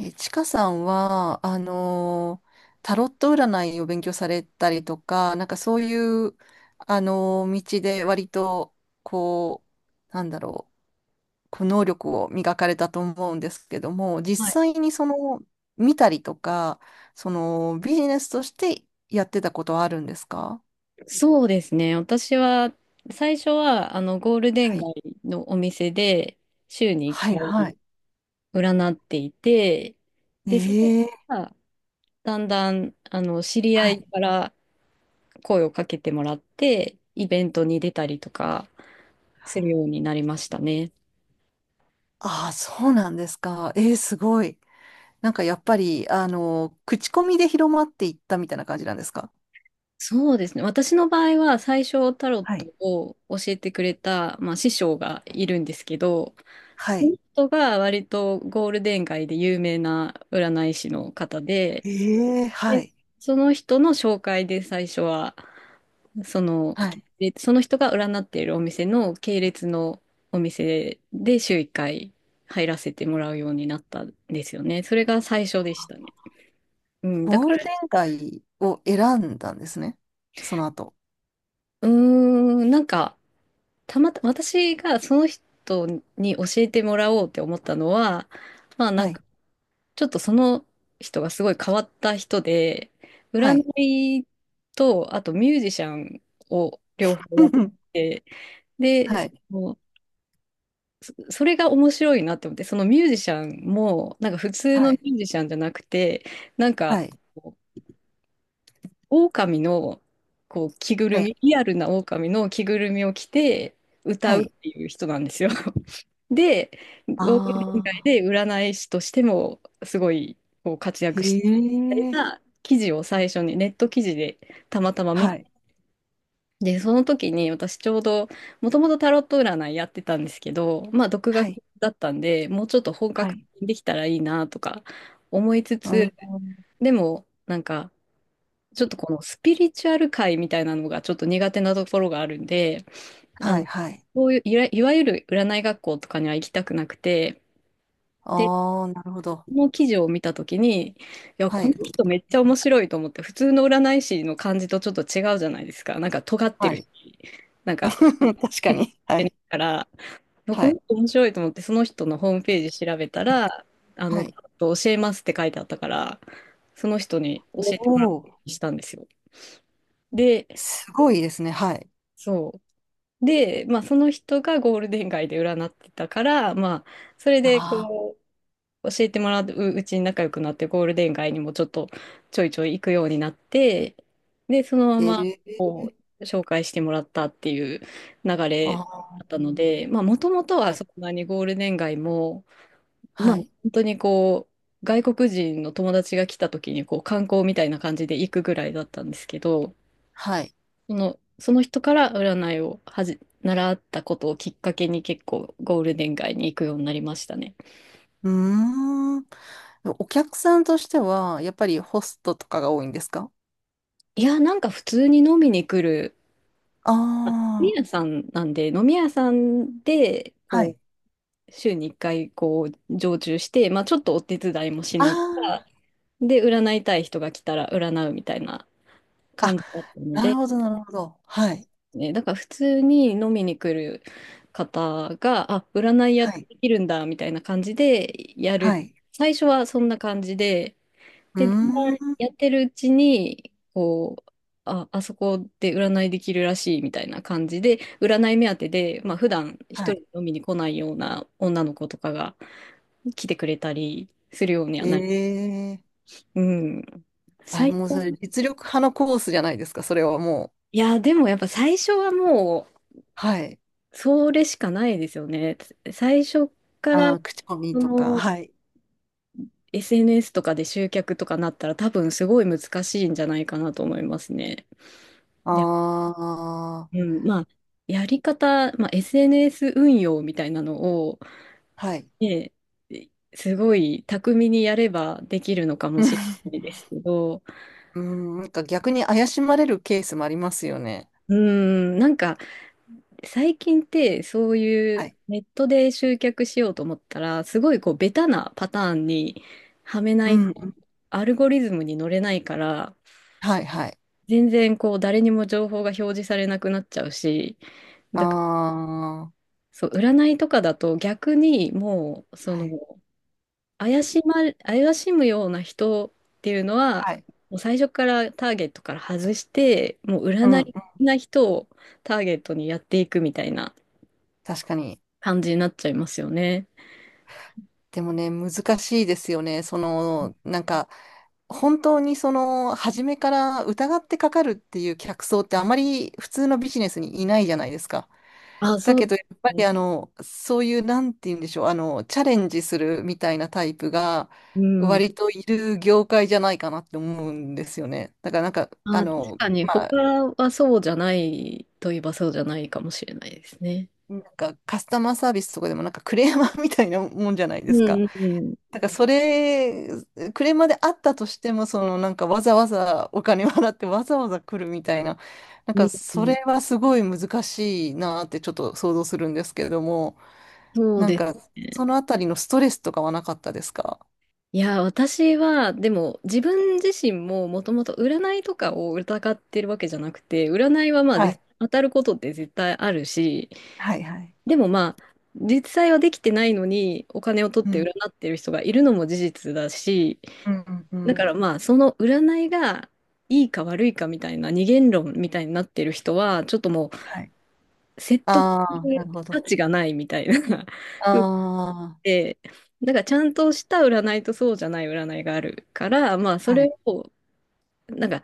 え、ちかさんは、タロット占いを勉強されたりとか、なんかそういう、道で割と、こう、なんだろう、こう能力を磨かれたと思うんですけども、実はい、際にその、見たりとか、その、ビジネスとしてやってたことはあるんですか？そうですね。私は、最初は、ゴールデンはい。街のお店で、週に1はい、は回い。占っていて、で、そこええ、から、だんだん、知りは合い。いから声をかけてもらって、イベントに出たりとかするようになりましたね。ああ、そうなんですか。ええ、すごい。なんかやっぱり、口コミで広まっていったみたいな感じなんですか？そうですね。私の場合は最初タロッはトい。を教えてくれた、師匠がいるんですけど、はそのい。人が割とゴールデン街で有名な占い師の方で、ええ、はでい。その人の紹介で最初は、その、はい。でその人が占っているお店の系列のお店で週1回入らせてもらうようになったんですよね。それが最初でしたね。うん、だゴーかルら、デン街を選んだんですね。その後。うーなんか、たまた、私がその人に教えてもらおうって思ったのは、まあなはんか、い。ちょっとその人がすごい変わった人で、は占い。いと、あとミュージシャンを両方やっ て、で、はそい。のそれが面白いなって思って、そのミュージシャンも、なんか普通のはミい。ュージシャンじゃなくて、なんか、はい。こう狼の、こう、着ぐはるい。み、リアルな狼の着ぐるみを着て歌はうっい。ていう人なんですよ。で、あゴールデン街あ。で占い師としてもすごいこう活へ躍したみたいえ。な記事を最初にネット記事でたまたま見はて、い。で、その時に私ちょうどもともとタロット占いやってたんですけど、まあ独は学い。だったんで、もうちょっと本は格い。的にできたらいいなとか思いつうつ、ん。でもなんかちょっとこのスピリチュアル界みたいなのがちょっと苦手なところがあるんで、あはの、い。はい。こういういわゆる占い学校とかには行きたくなくて、でああ、なるほど。この記事を見たときに、いや、はこのい。人めっちゃ面白いと思って、普通の占い師の感じとちょっと違うじゃないですか。なんか尖ってはるし、い。なん か、確かえっに。はてるい。から、いやこはのい。人面白いと思って、その人のホームページ調べたら、はい。教えますって書いてあったから、その人に教おえてもらうようお、にしたんですよ。で、すごいですね。はい。そう。で、まあ、その人がゴールデン街で占ってたから、まあ、それでああ、こう、教えてもらううちに仲良くなって、ゴールデン街にもちょっとちょいちょい行くようになって、で、そのまへまえ、こう紹介してもらったっていう流れあだったあ、ので、まあ、もともとははい、そんなにゴールデン街も、まあ、は本い、当にこう、外国人の友達が来た時にこう観光みたいな感じで行くぐらいだったんですけど、はい。その人から占いを習ったことをきっかけに結構ゴールデン街に行くようになりましたね。うーん。お客さんとしては、やっぱりホストとかが多いんですか？いや、なんか普通に飲みに来るあ飲みあ、屋さんなんで、飲み屋さんで、はこい。う、週に1回、こう、常駐して、まあ、ちょっとお手伝いもしながら、あで、占いたい人が来たら占うみたいなあ、あ、感じだったのなるで、ほど、なるほど。はい、ね、だから普通に飲みに来る方が、あ、占いやはってい、できるんだ、みたいな感じでやる。はい。最初はそんな感じで、うーで、だんだんん、やってるうちに、こう、あ、あそこで占いできるらしいみたいな感じで、占い目当てで、まあ普段一は人でい。飲みに来ないような女の子とかが来てくれたりするようにはえなり、え、うん。あ、最もうそれ初、実力派のコースじゃないですか、それはもう。いや、でもやっぱ最初はもはい。う、それしかないですよね。最初かあら、あ、口コミそとか、の、はい。SNS とかで集客とかなったら多分すごい難しいんじゃないかなと思いますね。ああ、うん、まあ、やり方、まあ、SNS 運用みたいなのを、はい。ね、すごい巧みにやればできるのかもしれ ないですけど、うん、なんか逆に怪しまれるケースもありますよね。うん、なんか最近ってそういはうい。ネットで集客しようと思ったら、すごいこうベタなパターンにはめなういん、うと、ん。アルゴリズムに乗れないから、はい、はい。全然こう誰にも情報が表示されなくなっちゃうし、あだからあ、そう、占いとかだと逆にもうそはのい。怪しま、怪しむような人っていうのは、はい。もう最初からターゲットから外して、もううん、占うん。いな人をターゲットにやっていくみたいな確かに。感じになっちゃいますよね。でもね、難しいですよね。その、なんか、本当にその、初めから疑ってかかるっていう客層ってあまり普通のビジネスにいないじゃないですか。あ、だそうけでど、やっぱすね。りそういう、なんて言うんでしょう、チャレンジするみたいなタイプが、うん。割といる業界じゃないかなって思うんですよね。だからなんか、あ、確かに、ま他あ、はそうじゃないといえばそうじゃないかもしれないですね。なんかカスタマーサービスとかでもなんかクレーマーみたいなもんじゃないうでんすか。うんうん。だからそれ、クレーマーであったとしても、そのなんかわざわざお金払ってわざわざ来るみたいな、なんうかんうそん、れはすごい難しいなってちょっと想像するんですけれども。そうなんでか、すね。そのあたりのストレスとかはなかったですか？いや、私は、でも、自分自身ももともと占いとかを疑ってるわけじゃなくて、占いはまあ、は絶い。当たることって絶対あるし、はい、はい。でもまあ、実際はできてないのに、お金を取っうてん、占ってる人がいるのも事実だし、うん、うん。うだかん、らまあ、その占いがいいか悪いかみたいな二元論みたいになってる人は、ちょっともはい。う、説得あすあ、なるるほ価ど。値がないみたいな 風あで、なんかちゃんとした占いとそうじゃない占いがあるから、まああ、そはれい。をなんか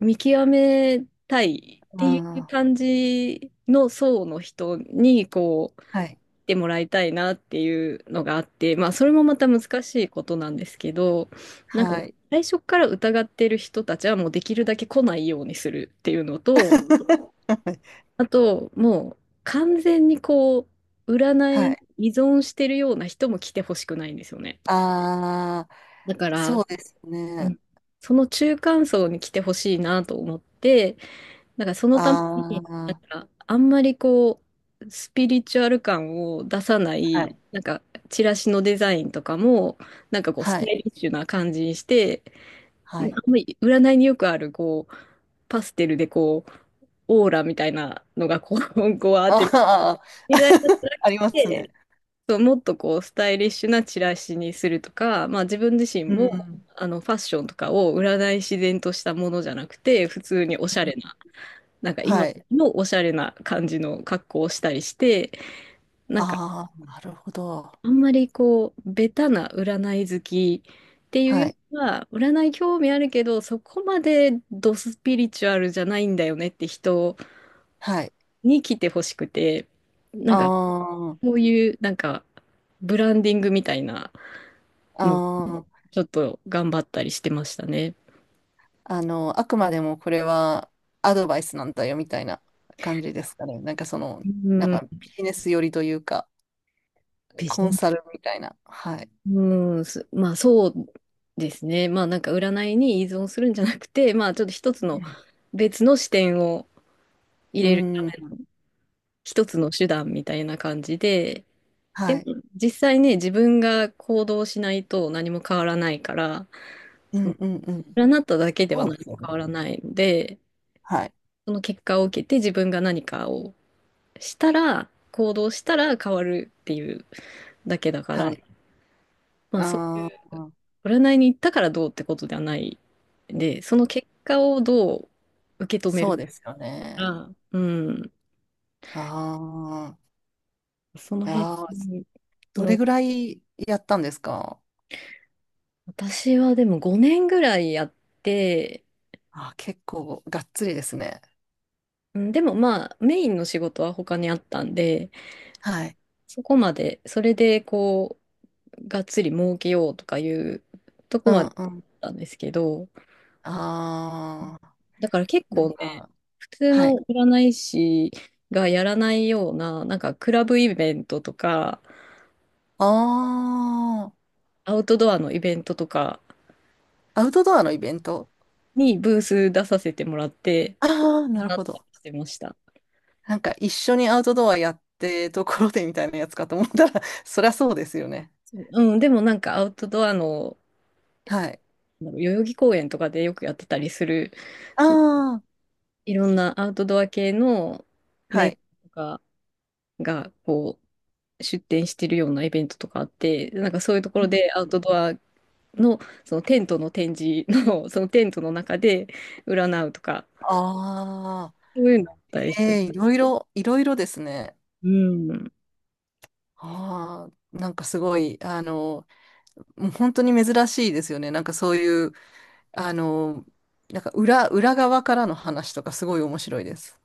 見極めたいっあ、てあいうあ、感じの層の人にこうはい、来てもらいたいなっていうのがあって、まあそれもまた難しいことなんですけど、なんかはい。最初から疑ってる人たちはもうできるだけ来ないようにするっていうのと、あともう完全にこう占はいにい。依存してるような人も来てほしくないんですよね。あだかあ、そら、うですうね。んその中間層に来てほしいなと思って、だからそのためあに、なんあ、かあんまりこう、スピリチュアル感を出さなはい、い。なんかチラシのデザインとかも、なんかこう、スはタい、イリッシュな感じにして、はまあい。んまり占いによくある、こう、パステルでこう、オーラみたいなのがこう、こうあ って、ああ、みたいなのじゃな くありますて、ね。そう、もっとこうスタイリッシュなチラシにするとか、まあ、自分自身うもん。ファッションとかを売らない自然としたものじゃなくて普通におしゃれな今はい。のおしゃれな感じの格好をしたりしてなんかああ、なるほど。あんまりこうベタな占い好きっていうはよい、りは占い興味あるけどそこまでドスピリチュアルじゃないんだよねって人はい。に来てほしくてなんあかこあ、ういうなんかブランディングみたいな。あので、あ。ちょっと頑張ったりしてましたね。あくまでもこれはアドバイスなんだよみたいな感じですかね。なんかその、うなんん、かビビジネス寄りというか、ジコネンサスルみたいな。はい。うん、すまあそうですね。まあなんか占いに依存するんじゃなくて、まあちょっと一つうのん。別の視点を入うれるん、一つの手段みたいな感じで、ではもい。実際ね、自分が行動しないと何も変わらないから、うそんのうんうん。占っただけではそうで何もすよ変わね。らないので、はい。その結果を受けて自分が何かをしたら、行動したら変わるっていうだけだから、はい。まあ、そ、ああ、占いに行ったからどうってことではないで、その結果をどう受け止めるそうですよかね。が、うん、ああ、そのい辺やー、どれの、ぐらいやったんですか？私はでも5年ぐらいやって、あー、結構がっつりですね。うんでもまあ、メインの仕事は他にあったんで、はい。そこまで、それでこう、がっつり儲けようとかいうとこうまんでうん。だったんですけど、ああ、だから結なん構ね、か、普通はい。の占い師がやらないような、なんかクラブイベントとか、ああ、アウトドアのイベントとかアウトドアのイベント。にブース出させてもらって、ああー、なるなっほたりど。してました。なんか一緒にアウトドアやってところでみたいなやつかと思ったら、そりゃそうですよね。そううん、でもなんかアウトドアの、はい。なんだろう代々木公園とかでよくやってたりする、ああ、いろんなアウトドア系のはメーカい。ーとかが、こう、出店してるようなイベントとかあって、なんかそういうところでアウトドアのそのテントの展示のそのテントの中で占うとかああそういうのあったりしー、えて。え、いろいろ、いろいろですね。うんああ、なんかすごい、もう本当に珍しいですよね。なんかそういう、あの、なんか裏側からの話とかすごい面白いです。